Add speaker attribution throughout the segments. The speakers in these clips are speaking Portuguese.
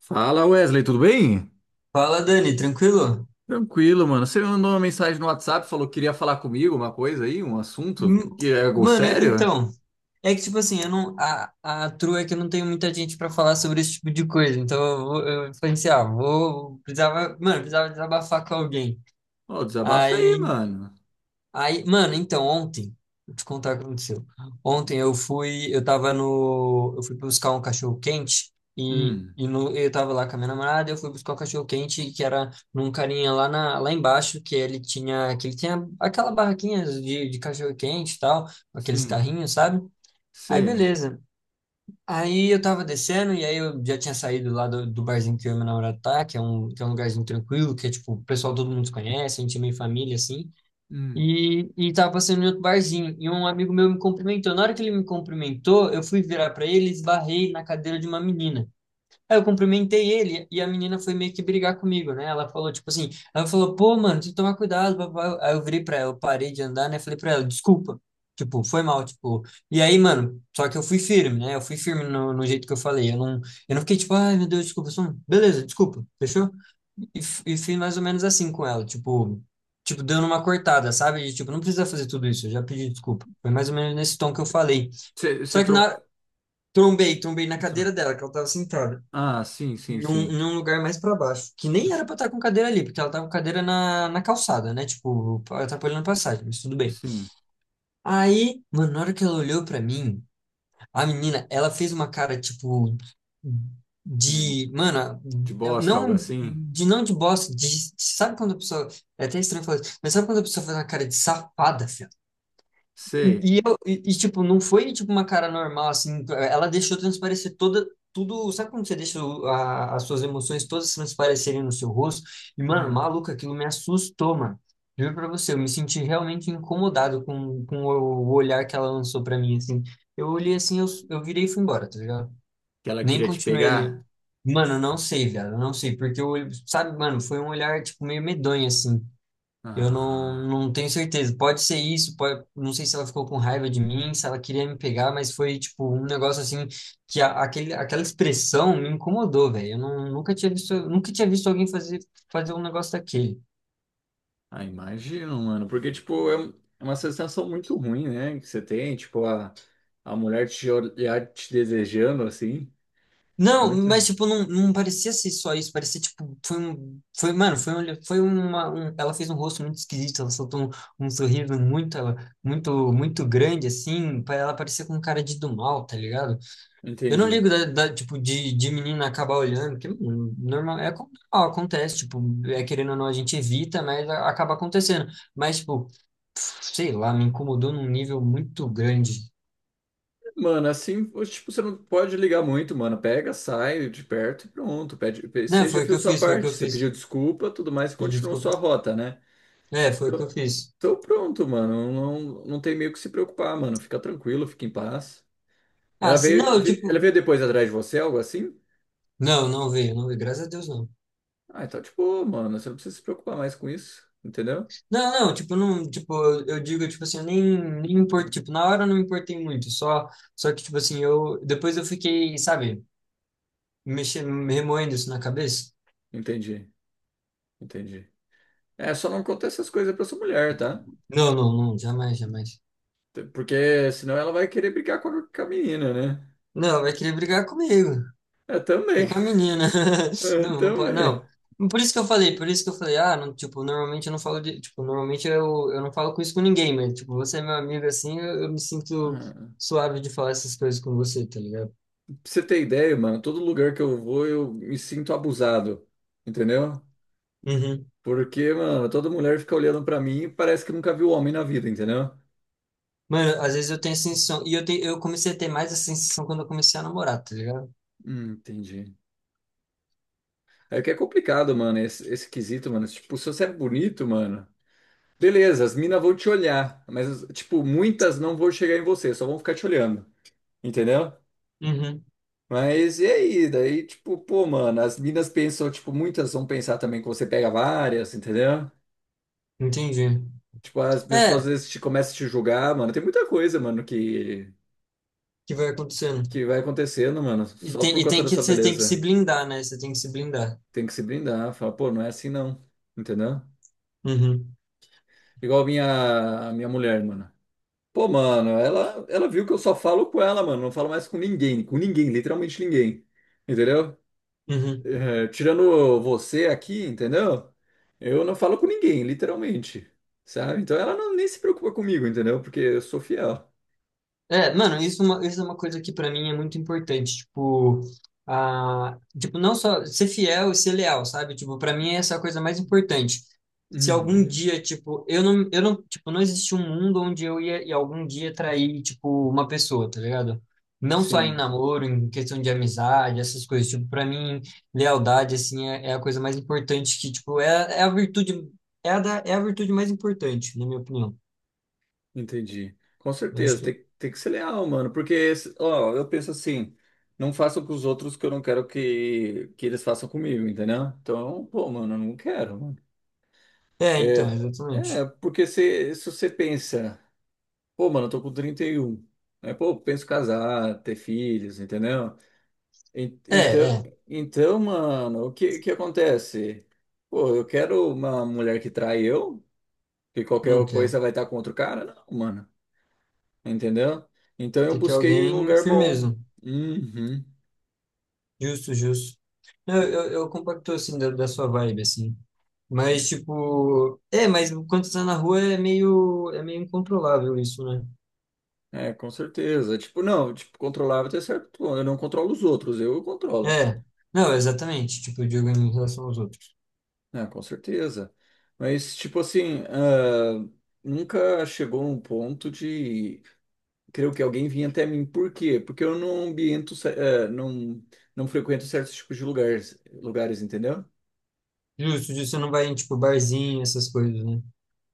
Speaker 1: Fala, Wesley, tudo bem?
Speaker 2: Fala, Dani, tranquilo?
Speaker 1: Tranquilo, mano. Você me mandou uma mensagem no WhatsApp, falou que queria falar comigo uma coisa aí, um assunto
Speaker 2: Hum,
Speaker 1: que é algo
Speaker 2: Mano,
Speaker 1: sério?
Speaker 2: então, é que tipo assim, eu não, a true é que eu não tenho muita gente pra falar sobre esse tipo de coisa, então eu pensei, ah, precisava, mano, precisava desabafar com alguém.
Speaker 1: Ó, desabafa aí,
Speaker 2: Aí
Speaker 1: mano.
Speaker 2: Aí, mano, então, ontem, vou te contar o que aconteceu. Ontem eu fui, eu tava no, Eu fui buscar um cachorro quente
Speaker 1: Hum,
Speaker 2: e no, eu tava lá com a minha namorada, eu fui buscar um cachorro quente que era num carinha lá lá embaixo que ele tinha aquela barraquinha de cachorro quente e tal, aqueles
Speaker 1: sim,
Speaker 2: carrinhos, sabe? Aí,
Speaker 1: sei.
Speaker 2: beleza. Aí eu tava descendo e aí eu já tinha saído lá do barzinho que eu e meu namorado tá, que é um lugarzinho tranquilo, que é tipo, o pessoal, todo mundo se conhece, a gente é meio família assim.
Speaker 1: Hum.
Speaker 2: E tava passando em outro barzinho, e um amigo meu me cumprimentou. Na hora que ele me cumprimentou, eu fui virar para ele e esbarrei na cadeira de uma menina. Aí eu cumprimentei ele e a menina foi meio que brigar comigo, né? Ela falou, tipo assim, ela falou, pô, mano, tem que tomar cuidado, papai. Aí eu virei pra ela, eu parei de andar, né? Falei pra ela, desculpa. Tipo, foi mal, tipo. E aí, mano, só que eu fui firme, né? Eu fui firme no jeito que eu falei. Eu não fiquei tipo, ai, meu Deus, desculpa. Beleza, desculpa, fechou? E fiz mais ou menos assim com ela, tipo, dando uma cortada, sabe? De, tipo, não precisa fazer tudo isso, eu já pedi desculpa. Foi mais ou menos nesse tom que eu falei.
Speaker 1: Você você
Speaker 2: Só que
Speaker 1: tro...
Speaker 2: na, trombei na
Speaker 1: tro-
Speaker 2: cadeira dela, que ela tava sentada
Speaker 1: Ah, sim, sim, sim.
Speaker 2: em um lugar mais pra baixo, que nem era pra estar com cadeira ali, porque ela tava com cadeira na calçada, né? Tipo, atrapalhando a passagem, mas tudo bem.
Speaker 1: Sim.
Speaker 2: Aí, mano, na hora que ela olhou pra mim, a menina, ela fez uma cara, tipo,
Speaker 1: De,
Speaker 2: de, mano,
Speaker 1: de bosta, algo
Speaker 2: não,
Speaker 1: assim?
Speaker 2: de não de bosta, de, sabe quando a pessoa, é até estranho falar isso, mas sabe quando a pessoa faz uma cara de safada, filho?
Speaker 1: Sei.
Speaker 2: E, tipo, não foi tipo uma cara normal, assim. Ela deixou transparecer tudo. Sabe quando você deixa as suas emoções todas transparecerem no seu rosto? E, mano,
Speaker 1: Ah,
Speaker 2: maluco, aquilo me assustou, mano. Juro pra você, eu me senti realmente incomodado com o olhar que ela lançou pra mim, assim. Eu olhei assim, eu virei e fui embora, tá ligado?
Speaker 1: que ela
Speaker 2: Nem
Speaker 1: queria te
Speaker 2: continuei ele.
Speaker 1: pegar?
Speaker 2: Mano, eu não sei, velho, eu não sei, porque sabe, mano, foi um olhar, tipo, meio medonho, assim. Eu não,
Speaker 1: Ah.
Speaker 2: não tenho certeza. Pode ser isso, pode... não sei se ela ficou com raiva de mim, se ela queria me pegar, mas foi tipo um negócio assim que aquela expressão me incomodou, velho. Eu não, nunca tinha visto, nunca tinha visto alguém fazer um negócio daquele.
Speaker 1: Ah, imagino, mano. Porque, tipo, é um, é uma sensação muito ruim, né? Que você tem, tipo, a mulher te olhar te desejando, assim. É
Speaker 2: Não,
Speaker 1: muito
Speaker 2: mas
Speaker 1: ruim.
Speaker 2: tipo, não, não parecia ser só isso, parecia tipo, mano, foi, um, foi uma, um- ela fez um rosto muito esquisito, ela soltou um sorriso muito, muito, muito grande, assim, pra ela parecer com um cara de do mal, tá ligado? Eu não ligo
Speaker 1: Entendi.
Speaker 2: tipo, de menina acabar olhando, porque mano, normal, é como- normal, acontece, tipo, é querendo ou não, a gente evita, acaba acontecendo. Mas, tipo, sei lá, me incomodou num nível muito grande.
Speaker 1: Mano, assim, tipo, você não pode ligar muito, mano. Pega, sai de perto e pronto.
Speaker 2: Não,
Speaker 1: Você já
Speaker 2: foi o que
Speaker 1: fez
Speaker 2: eu
Speaker 1: sua
Speaker 2: fiz, foi o que
Speaker 1: parte.
Speaker 2: eu
Speaker 1: Você pediu
Speaker 2: fiz.
Speaker 1: desculpa, tudo mais, e
Speaker 2: Me
Speaker 1: continuou
Speaker 2: desculpa.
Speaker 1: sua rota, né?
Speaker 2: É, foi o que eu
Speaker 1: Então,
Speaker 2: fiz.
Speaker 1: então pronto, mano. Não, não tem meio que se preocupar, mano. Fica tranquilo, fica em paz.
Speaker 2: Ah, se, não, eu,
Speaker 1: Ela
Speaker 2: tipo,
Speaker 1: veio depois atrás de você, algo assim?
Speaker 2: não, não veio, não veio, graças a Deus, não.
Speaker 1: Ah, então, tipo, mano, você não precisa se preocupar mais com isso, entendeu?
Speaker 2: Não, não, tipo, não, tipo, eu digo, tipo assim, eu nem, nem me importo, tipo, na hora eu não me importei muito, só que, tipo assim, eu, depois eu fiquei, sabe, mexendo, remoendo isso na cabeça.
Speaker 1: Entendi, entendi. É, só não conta essas coisas pra sua mulher, tá?
Speaker 2: Não, não, não, jamais, jamais.
Speaker 1: Porque senão ela vai querer brigar com a menina, né?
Speaker 2: Não, vai querer brigar comigo
Speaker 1: É,
Speaker 2: e
Speaker 1: também.
Speaker 2: com a menina.
Speaker 1: É,
Speaker 2: Não, não pode,
Speaker 1: também.
Speaker 2: não. Por isso que eu falei, por isso que eu falei, ah, não, tipo, normalmente eu não falo de, tipo, normalmente eu não falo com isso com ninguém, mas, tipo, você é meu amigo assim, eu me sinto
Speaker 1: Hum.
Speaker 2: suave de falar essas coisas com você, tá ligado?
Speaker 1: Pra você ter ideia, mano, todo lugar que eu vou eu me sinto abusado, entendeu?
Speaker 2: Uhum.
Speaker 1: Porque, mano, toda mulher fica olhando pra mim e parece que nunca viu homem na vida, entendeu?
Speaker 2: Mano, às vezes eu tenho essa sensação, e eu comecei a ter mais essa sensação quando eu comecei a namorar, tá ligado?
Speaker 1: Entendi. É que é complicado, mano, esse quesito, mano. Tipo, se você é bonito, mano. Beleza, as minas vão te olhar, mas, tipo, muitas não vão chegar em você, só vão ficar te olhando, entendeu?
Speaker 2: Uhum.
Speaker 1: Mas e aí? Daí, tipo, pô, mano, as minas pensam, tipo, muitas vão pensar também que você pega várias, entendeu?
Speaker 2: Entendi.
Speaker 1: Tipo, as pessoas às
Speaker 2: É,
Speaker 1: vezes te começam a te julgar, mano. Tem muita coisa, mano,
Speaker 2: que vai acontecendo.
Speaker 1: que vai acontecendo, mano, só por conta da sua
Speaker 2: Você tem que se
Speaker 1: beleza.
Speaker 2: blindar, né? Você tem que se blindar.
Speaker 1: Tem que se brindar, falar, pô, não é assim não, entendeu?
Speaker 2: Uhum.
Speaker 1: Igual a minha mulher, mano. Pô, mano, ela viu que eu só falo com ela, mano. Não falo mais com ninguém, literalmente ninguém. Entendeu?
Speaker 2: Uhum.
Speaker 1: É, tirando você aqui, entendeu? Eu não falo com ninguém, literalmente. Sabe? Então ela não, nem se preocupa comigo, entendeu? Porque eu sou fiel.
Speaker 2: É, mano, é uma- isso é uma coisa que pra mim é muito importante, tipo, a, tipo, não só ser fiel e ser leal, sabe? Tipo, para mim essa é a coisa mais importante. Se algum
Speaker 1: Uhum,
Speaker 2: dia, tipo, eu não, tipo, não existe um mundo onde ia algum dia trair, tipo, uma pessoa, tá ligado? Não só em
Speaker 1: sim,
Speaker 2: namoro, em questão de amizade, essas coisas, tipo, pra mim, lealdade, assim, é a coisa mais importante que, tipo, é, é a virtude, é a virtude mais importante, na minha opinião.
Speaker 1: entendi. Com
Speaker 2: Eu acho
Speaker 1: certeza,
Speaker 2: que,
Speaker 1: tem, tem que ser leal, mano. Porque, ó, eu penso assim, não faço com os outros o que eu não quero que eles façam comigo, entendeu? Então, pô, mano, eu não quero,
Speaker 2: é, então,
Speaker 1: é, é
Speaker 2: exatamente.
Speaker 1: porque se você pensa, pô, mano, eu tô com 31, né? Pô, penso casar, ter filhos, entendeu?
Speaker 2: É.
Speaker 1: Então,
Speaker 2: É.
Speaker 1: então, mano, o que acontece? Pô, eu quero uma mulher que trai eu, que qualquer
Speaker 2: Não quer.
Speaker 1: coisa vai estar com outro cara? Não, mano, entendeu? Então eu
Speaker 2: Tem que
Speaker 1: busquei um
Speaker 2: alguém
Speaker 1: lugar bom.
Speaker 2: firmeza.
Speaker 1: Uhum.
Speaker 2: Justo, justo. Não, eu compacto, assim, da sua vibe, assim. Mas, tipo... É, mas quando você tá na rua é meio... É meio incontrolável isso, né?
Speaker 1: É, com certeza. Tipo, não, tipo, controlável até certo ponto. Eu não controlo os outros, eu controlo.
Speaker 2: É. Não, exatamente. Tipo, de alguém em relação aos outros.
Speaker 1: Ah, com certeza. Mas, tipo assim, ah, nunca chegou num ponto de. Creio que alguém vinha até mim. Por quê? Porque eu não ambiento, não, não frequento certos tipos de lugares, lugares, entendeu?
Speaker 2: Justo, justo. Você não vai em, tipo, barzinho, essas coisas, né?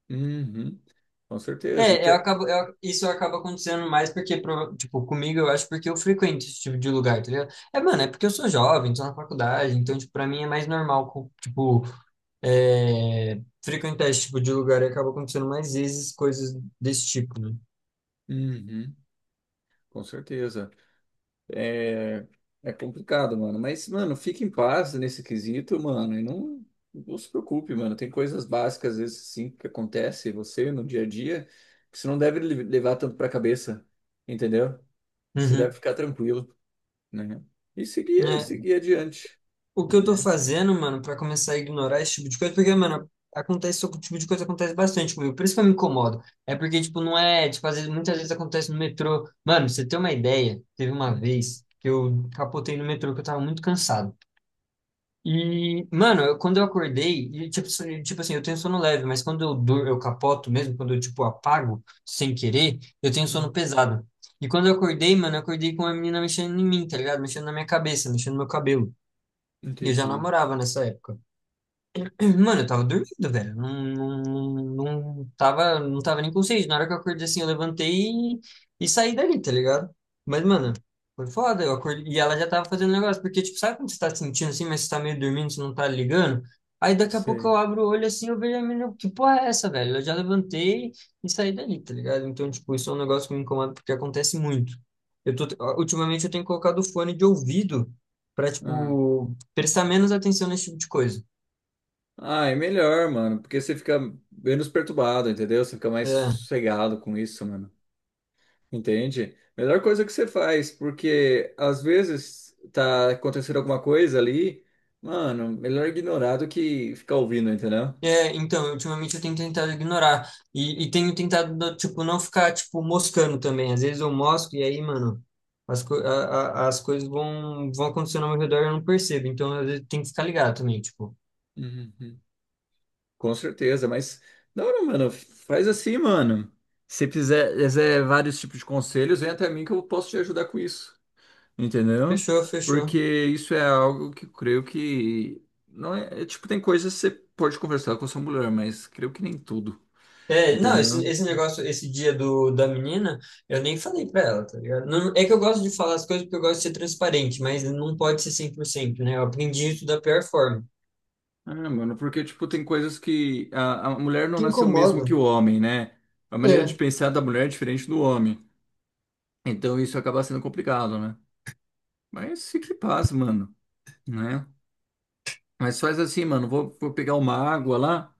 Speaker 1: Uhum, com certeza.
Speaker 2: É,
Speaker 1: Então,
Speaker 2: isso acaba acontecendo mais porque, tipo, comigo eu acho porque eu frequento esse tipo de lugar, tá ligado? É, mano, é porque eu sou jovem, tô na faculdade, então, tipo, pra mim é mais normal, tipo, é, frequentar esse tipo de lugar e acaba acontecendo mais vezes coisas desse tipo, né?
Speaker 1: uhum, com certeza. É, é complicado, mano. Mas, mano, fique em paz nesse quesito, mano. E não, não se preocupe, mano. Tem coisas básicas, às vezes, sim, que acontece em você no dia a dia, que você não deve levar tanto pra cabeça, entendeu? Você deve
Speaker 2: Uhum.
Speaker 1: ficar tranquilo, né? E seguir,
Speaker 2: É,
Speaker 1: seguir adiante,
Speaker 2: o que eu tô
Speaker 1: né?
Speaker 2: fazendo, mano, pra começar a ignorar esse tipo de coisa, porque, mano, acontece, esse tipo de coisa acontece bastante comigo, por isso que eu me incomodo. É porque, tipo, não é, tipo, às vezes, muitas vezes acontece no metrô. Mano, pra você ter uma ideia, teve uma
Speaker 1: Hum,
Speaker 2: vez que eu capotei no metrô que eu tava muito cansado. E, mano, quando eu acordei, e, tipo, tipo assim, eu tenho sono leve, mas quando eu dur, eu capoto mesmo, quando eu, tipo, apago sem querer, eu tenho sono
Speaker 1: hum,
Speaker 2: pesado. E quando eu acordei, mano, eu acordei com uma menina mexendo em mim, tá ligado? Mexendo na minha cabeça, mexendo no meu cabelo. E eu já
Speaker 1: entendi.
Speaker 2: namorava nessa época. Mano, eu tava dormindo, velho. Não, não, não, não tava, não tava nem consciente. Na hora que eu acordei assim, eu levantei e saí dali, tá ligado? Mas, mano, foi foda. Eu acordei, e ela já tava fazendo negócio. Porque, tipo, sabe quando você tá sentindo assim, mas você tá meio dormindo, você não tá ligando? Aí daqui a pouco
Speaker 1: Sei.
Speaker 2: eu abro o olho assim, eu vejo a menina, que porra é essa, velho? Eu já levantei e saí dali, tá ligado? Então, tipo, isso é um negócio que me incomoda porque acontece muito. Eu tô, ultimamente eu tenho colocado o fone de ouvido pra,
Speaker 1: Ah.
Speaker 2: tipo, prestar menos atenção nesse tipo de coisa.
Speaker 1: Ah, é melhor, mano, porque você fica menos perturbado, entendeu? Você fica mais
Speaker 2: É.
Speaker 1: sossegado com isso, mano. Entende? Melhor coisa que você faz, porque às vezes tá acontecendo alguma coisa ali, mano, melhor ignorar do que ficar ouvindo, entendeu?
Speaker 2: É, então, ultimamente eu tenho tentado ignorar. E tenho tentado, tipo, não ficar, tipo, moscando também. Às vezes eu mosco e aí, mano, as, co a- as coisas vão acontecendo ao meu redor e eu não percebo. Então, às vezes tem que ficar ligado também, tipo,
Speaker 1: Uhum. Com certeza, mas da hora, mano, faz assim, mano. Se quiser, quiser vários tipos de conselhos, vem até mim que eu posso te ajudar com isso, entendeu?
Speaker 2: fechou, fechou.
Speaker 1: Porque isso é algo que eu creio que não é, é, tipo, tem coisas que você pode conversar com a sua mulher, mas creio que nem tudo,
Speaker 2: É, não,
Speaker 1: entendeu?
Speaker 2: esse negócio, esse dia da menina, eu nem falei pra ela, tá ligado? É que eu gosto de falar as coisas porque eu gosto de ser transparente, mas não pode ser 100%, né? Eu aprendi isso da pior forma.
Speaker 1: Ah, mano, porque, tipo, tem coisas que a mulher não
Speaker 2: Que
Speaker 1: nasceu mesmo
Speaker 2: incomoda.
Speaker 1: que o homem, né? A maneira de
Speaker 2: É.
Speaker 1: pensar da mulher é diferente do homem. Então isso acaba sendo complicado, né? Mas fique em paz, mano, né? Mas faz assim, mano, vou, vou pegar uma água lá,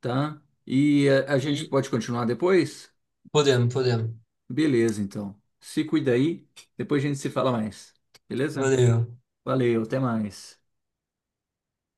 Speaker 1: tá? E a gente
Speaker 2: E
Speaker 1: pode continuar depois?
Speaker 2: podemos, podemos.
Speaker 1: Beleza, então. Se cuida aí, depois a gente se fala mais. Beleza?
Speaker 2: Valeu.
Speaker 1: Valeu, até mais.